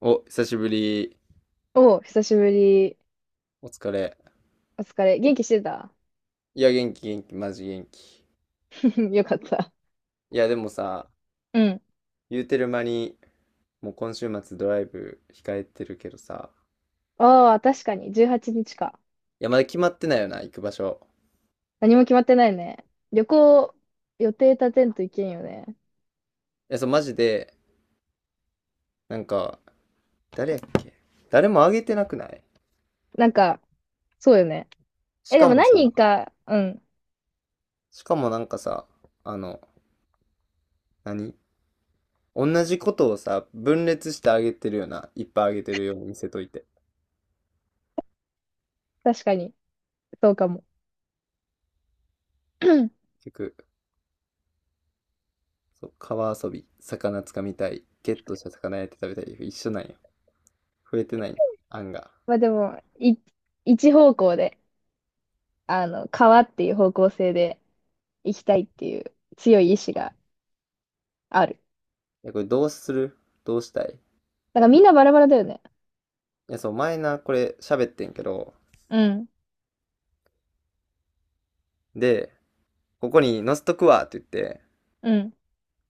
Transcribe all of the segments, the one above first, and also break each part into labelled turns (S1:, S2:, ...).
S1: お、久しぶり。
S2: お久しぶり。
S1: お疲れ。
S2: お疲れ。元気してた？
S1: いや、元気元気、マジ元気。
S2: よかった。
S1: いや、でもさ、
S2: うん。
S1: 言うてる間に、もう今週末ドライブ控えてるけどさ、
S2: ああ、確かに。18日か。
S1: いや、まだ決まってないよな、行く場所。
S2: 何も決まってないね。旅行、予定立てんといけんよね。
S1: いや、そう、マジで、なんか、誰やっけ？誰もあげてなくない？
S2: なんか、そうよね。
S1: し
S2: え、で
S1: か
S2: も
S1: も
S2: 何
S1: さ、
S2: 人か、うん。
S1: しかもなんかさ、あの、何同じことをさ、分裂してあげてるよな。いっぱいあげてるように見せといて。
S2: 確かに。そうかも。
S1: 結局、そう、川遊び、魚つかみたい、ゲットした魚焼いて食べたい、一緒なんや。増えてないな、案が。
S2: まあでも、一方向で、川っていう方向性で行きたいっていう強い意志がある。
S1: いや、これどうする？どうしたい？
S2: だからみんなバラバラだよね。
S1: いや、そう、前な、これ喋ってんけど、
S2: うん。
S1: で、ここに載せとくわって言って、
S2: うん。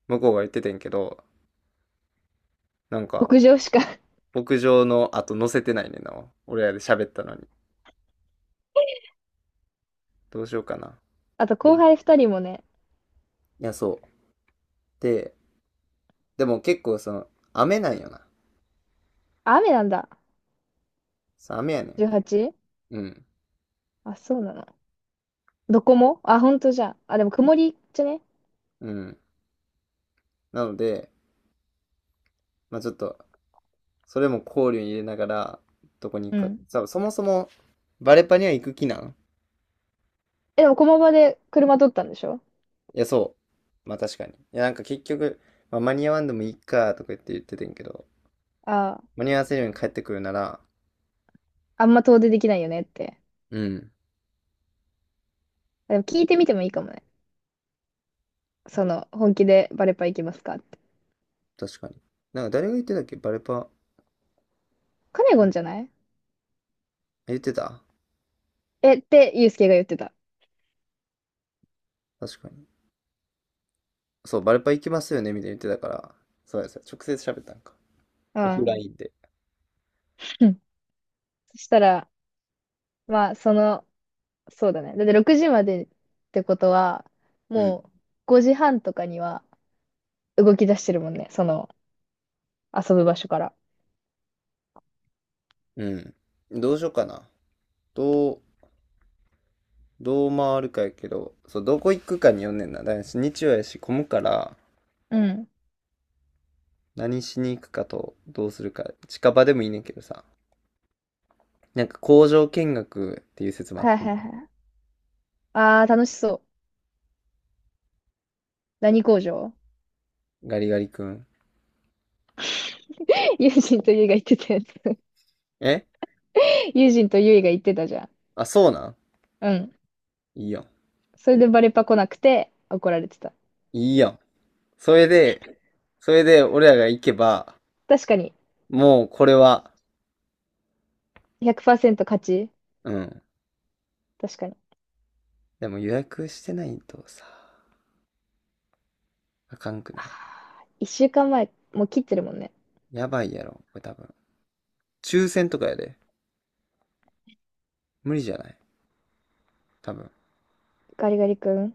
S1: 向こうが言っててんけど、なんか、
S2: 牧場しか。
S1: 牧場の後載せてないねんな。俺らで喋ったのに。どうしようかな。
S2: あと
S1: で、
S2: 後
S1: い
S2: 輩二人もね、
S1: や、そう。で、でも結構雨なんよな。
S2: 雨なんだ。
S1: そう雨やねん。
S2: 18？
S1: うん。
S2: あ、そうなの。どこもあ、ほんとじゃあ。あ、でも曇りじゃね？
S1: うん。なので、まあちょっと、それも考慮に入れながら、どこに行
S2: う
S1: くか。
S2: ん。
S1: そもそも、バレパには行く気なん？
S2: え、でも駒場で車取ったんでしょ？
S1: いや、そう。まあ確かに。いや、なんか結局、まあ、間に合わんでもいいかとか言ってたんやけど、
S2: ああ、
S1: 間に合わせるように帰ってくるなら、
S2: あんま遠出できないよねって。
S1: うん、
S2: あでも聞いてみてもいいかもね。その、本気でバレパ行きますかって。
S1: 確かに。なんか誰が言ってたっけ？バルパ、
S2: カネゴンじゃない？
S1: 言ってた？
S2: え、ってユうスケが言ってた。
S1: 確かに。そう、バルパ行きますよねみたいに言ってたから、そうですよ。直接喋ったんか？
S2: う
S1: オフ
S2: ん。
S1: ラインで。
S2: うん。そしたら、まあ、その、そうだね。だって6時までってことは、
S1: う
S2: も
S1: ん。
S2: う5時半とかには動き出してるもんね。その、遊ぶ場所から。
S1: うん。どうしようかな。どう、どう回るかやけど、そう、どこ行くかによんねんな。だから日曜やし、混むから、
S2: うん。
S1: 何しに行くかと、どうするか。近場でもいいねんけどさ。なんか工場見学っていう説もあっ
S2: はい
S1: て、
S2: はいはい。あー、楽しそう。何工場？
S1: ガリガリ君。
S2: 友人とゆいが言ってたやつ。
S1: え？
S2: 友人とゆいが言ってたじゃん。
S1: あ、そうなん？
S2: うん。
S1: いいやん。
S2: それでバレパ来なくて怒られてた。
S1: いいやん。それで、それで俺らが行けば、
S2: 確かに。
S1: もうこれは、
S2: 100%勝ち。
S1: うん。
S2: 確かに。
S1: でも予約してないとさ、あかんくない？
S2: 1週間前、もう切ってるもんね。
S1: やばいやろ、これ多分。抽選とかやで。無理じゃない？多分。
S2: ガリガリ君、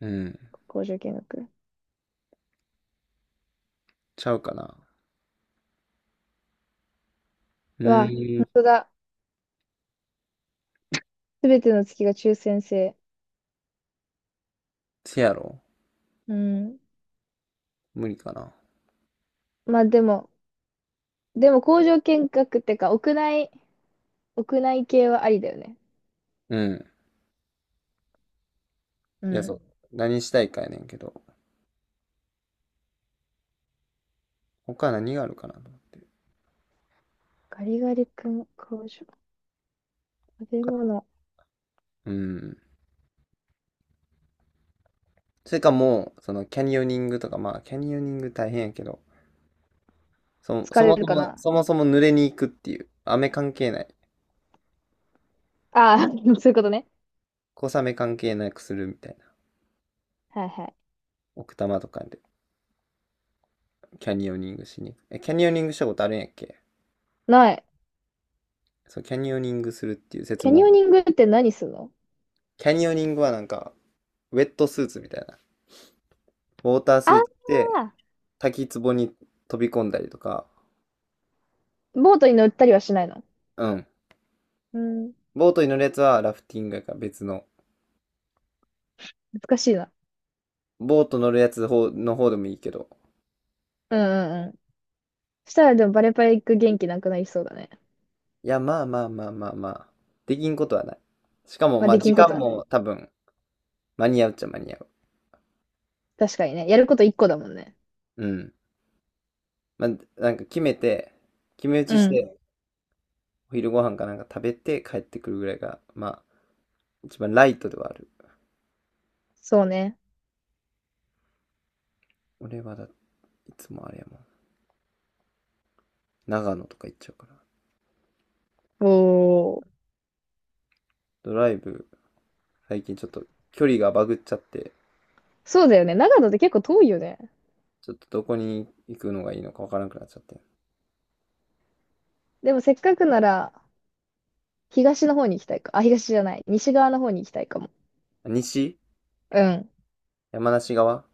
S1: うん。
S2: 工場見学。
S1: ちゃうかな。う
S2: うわ、
S1: ー
S2: 本
S1: ん。
S2: 当だ。すべての月が抽選制。
S1: せやろ？
S2: うん。
S1: 無理かな。
S2: まあでも、でも工場見学ってか、屋内、屋内系はありだよね。
S1: うん。
S2: う
S1: いや、そ
S2: ん。
S1: う。何したいかやねんけど。他何があるかなと思って。
S2: ガリガリ君、工場、食べ物。
S1: うん。それかもう、そのキャニオニングとか、まあ、キャニオニング大変やけど、そ、
S2: 疲
S1: そ
S2: れ
S1: も
S2: る
S1: そ
S2: か
S1: も、
S2: な？
S1: そもそも濡れに行くっていう、雨関係ない、
S2: ああ、そういうことね。
S1: 小雨関係なくするみたいな、
S2: はいはい。
S1: 奥多摩とかでキャニオニングしに行く。え、キャニオニングしたことあるんやっけ？
S2: ない。
S1: そう、キャニオニングするっていう説
S2: キャニ
S1: も、
S2: オニングって何するの？
S1: キャニオニングはなんか、ウェットスーツみたいな、ウォータース
S2: あ
S1: ーツで
S2: あ
S1: 滝壺に飛び込んだりとか、
S2: ー、ボートに乗ったりはしないの？
S1: うん。
S2: うん。
S1: ボートに乗るやつはラフティングやから別の、
S2: 難しいな。
S1: ボート乗るやつの方でもいいけど、
S2: うんうんうん。したらでもバレバレ行く元気なくなりそうだね。
S1: いや、まあまあまあまあまあ。できんことはない。しかも、
S2: まあ、
S1: まあ、
S2: でき
S1: 時
S2: んこと
S1: 間
S2: はない。
S1: も多分、間に合うっちゃ間に合う。
S2: 確かにね。やること一個だもんね。
S1: うん。まあ、なんか決めて、決め打
S2: う
S1: ちし
S2: ん。
S1: て、お昼ご飯かなんか食べて帰ってくるぐらいが、まあ、一番ライトではある。
S2: そうね。
S1: 俺はだ、いつもあれやもん。長野とか行っちゃうから。
S2: おー。
S1: ドライブ、最近ちょっと距離がバグっちゃって、
S2: そうだよね。長野って結構遠いよね。
S1: ちょっとどこに行くのがいいのかわからなくなっちゃって。
S2: でもせっかくなら、東の方に行きたいか。あ、東じゃない。西側の方に行きたいかも。
S1: 西？
S2: うん。
S1: 山梨側？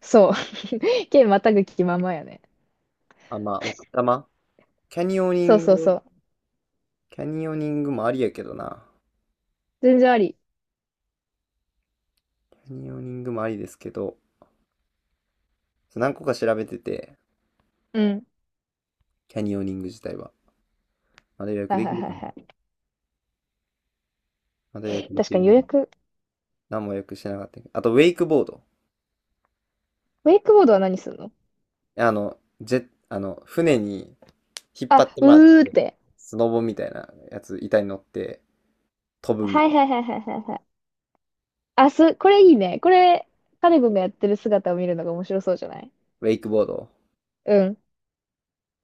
S2: そう。県またぐ気ままやね。
S1: あ、まあ、奥多摩キャニオニ
S2: そ
S1: ン
S2: う
S1: グ、
S2: そうそう。
S1: キャニオニングもありやけどな。
S2: 全然あり。
S1: キャニオニングもありですけど、何個か調べてて、
S2: うん。
S1: キャニオニング自体は。まだ予約
S2: はい
S1: で
S2: は
S1: き
S2: い
S1: る
S2: はい
S1: かな？
S2: はい。
S1: まだ予約で
S2: 確
S1: き
S2: かに
S1: る
S2: 予
S1: かな？
S2: 約。
S1: 何も予約してなかったけど。あと、ウェイクボード。
S2: ウェイクボードは何するの？
S1: 船に引っ張
S2: あ、
S1: ってもらっ
S2: うーっ
S1: て、
S2: て。
S1: スノボみたいなやつ、板に乗って飛ぶみ
S2: はい
S1: たい
S2: はい
S1: な。
S2: はいはいはいはい。あ、す、これいいね。これ、カネ君がやってる姿を見るのが面白そうじゃない？
S1: ウェイクボード。
S2: うん。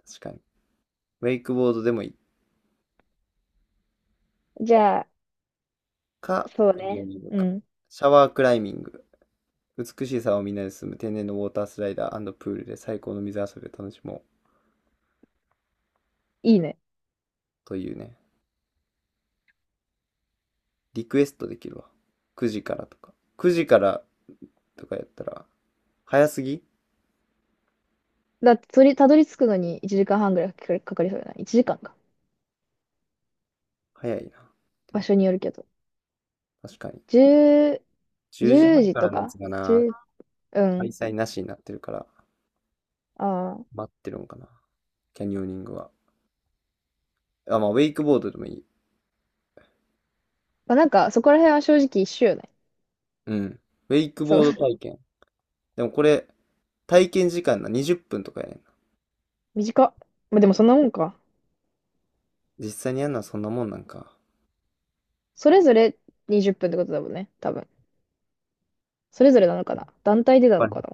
S1: 確かに。ウェイクボードでもいい
S2: じゃあ、
S1: か、
S2: そう
S1: キャニオ
S2: ね。
S1: ニング
S2: う
S1: か。
S2: ん。
S1: シャワークライミング。美しい沢をみんなで進む天然のウォータースライダープールで最高の水遊びを楽しもう
S2: いいね。
S1: というね。リクエストできるわ。9時からとか。9時からとかやったら、早すぎ
S2: だって、それたどり着くのに1時間半ぐらいかかりそうじゃない？ 1 時間か。
S1: 早いな。で
S2: 場
S1: も、
S2: 所によるけど。
S1: 確かに。
S2: 10、
S1: 10時半
S2: 時
S1: から
S2: と
S1: のや
S2: か
S1: つが
S2: 1
S1: な、
S2: う、う
S1: 開
S2: ん。
S1: 催なしになってるから、
S2: ああ。
S1: 待ってるんかな。キャニオニングは。あ、まあ、ウェイクボードでもいい。
S2: まあ、なんか、そこら辺は正直一緒よね。
S1: うん。ウェイク
S2: そう。
S1: ボード 体験。でもこれ、体験時間な、20分とかやねんな。
S2: 短っ。まあ、でもそんなもんか。
S1: 実際にやるのはそんなもんなんか。
S2: それぞれ20分っぷんってことだもんね。多分。それぞれなのかな、団体でな
S1: は
S2: の
S1: い。
S2: かな？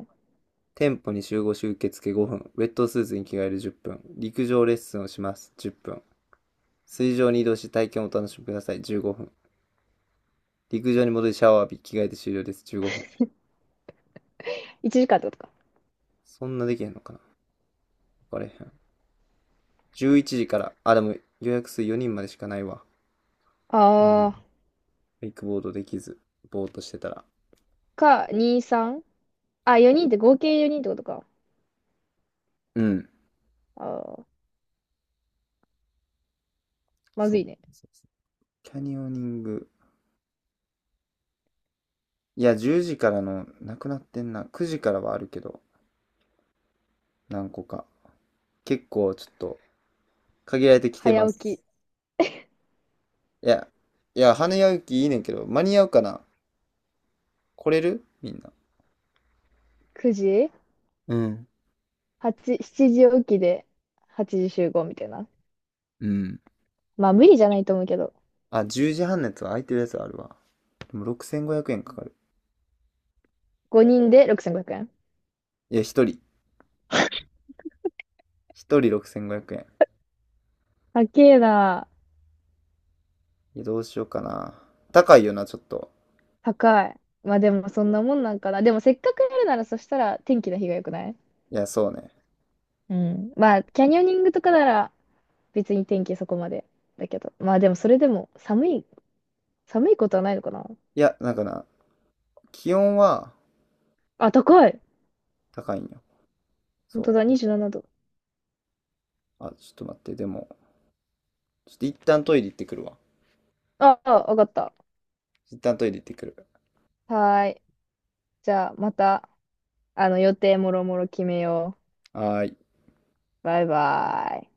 S1: 店舗に集合し受付5分。ウェットスーツに着替える10分。陸上レッスンをします。10分。水上に移動し体験をお楽しみください。15分。陸上に戻りシャワー浴び、着替えて終了です。15分。
S2: 1 時間ってことか。
S1: そんなできへんのかな？わかれへん。11時から、あ、でも予約数4人までしかないわ。う
S2: あ
S1: ん。
S2: ー、
S1: ウイクボードできず、ぼーっとしてたら。
S2: か、2、3？ あ、4人って合計4人ってことか。
S1: うん。
S2: あー、ま
S1: そ
S2: ず
S1: う。
S2: いね。
S1: そうそうキャニオニング。いや、10時からの、なくなってんな。9時からはあるけど、何個か。結構ちょっと、限られてきてま
S2: 早起
S1: す。
S2: き、
S1: いや、いや、花屋行きいいねんけど、間に合うかな？来れるみんな。
S2: 9時？
S1: うん。
S2: 8、7時起きで8時集合みたいな。
S1: うん。
S2: まあ無理じゃないと思うけど。
S1: あ、10時半のやつは空いてるやつあるわ。でも6500円かかる。
S2: 5人で6500円。
S1: いや、一人。一人6500円。
S2: 高えな。
S1: いや、どうしようかな。高いよな、ちょっと。
S2: 高い。まあでもそんなもんなんかな。でもせっかくやるならそしたら天気の日が良くない？
S1: いや、そうね。
S2: うん。まあキャニオニングとかなら別に天気そこまでだけど。まあでもそれでも寒い、寒いことはないのかな？
S1: いや、なんかな、気温は
S2: あ、高い。
S1: 高いんよ。
S2: 本当
S1: そ
S2: だ、27度。
S1: う。あ、ちょっと待って、でも、ちょっと一旦トイレ行ってくるわ。
S2: ああ、わかった。
S1: 一旦トイレ行ってくる。
S2: はーい。じゃあ、また、あの、予定もろもろ決めよ
S1: はーい。
S2: う。バイバイ。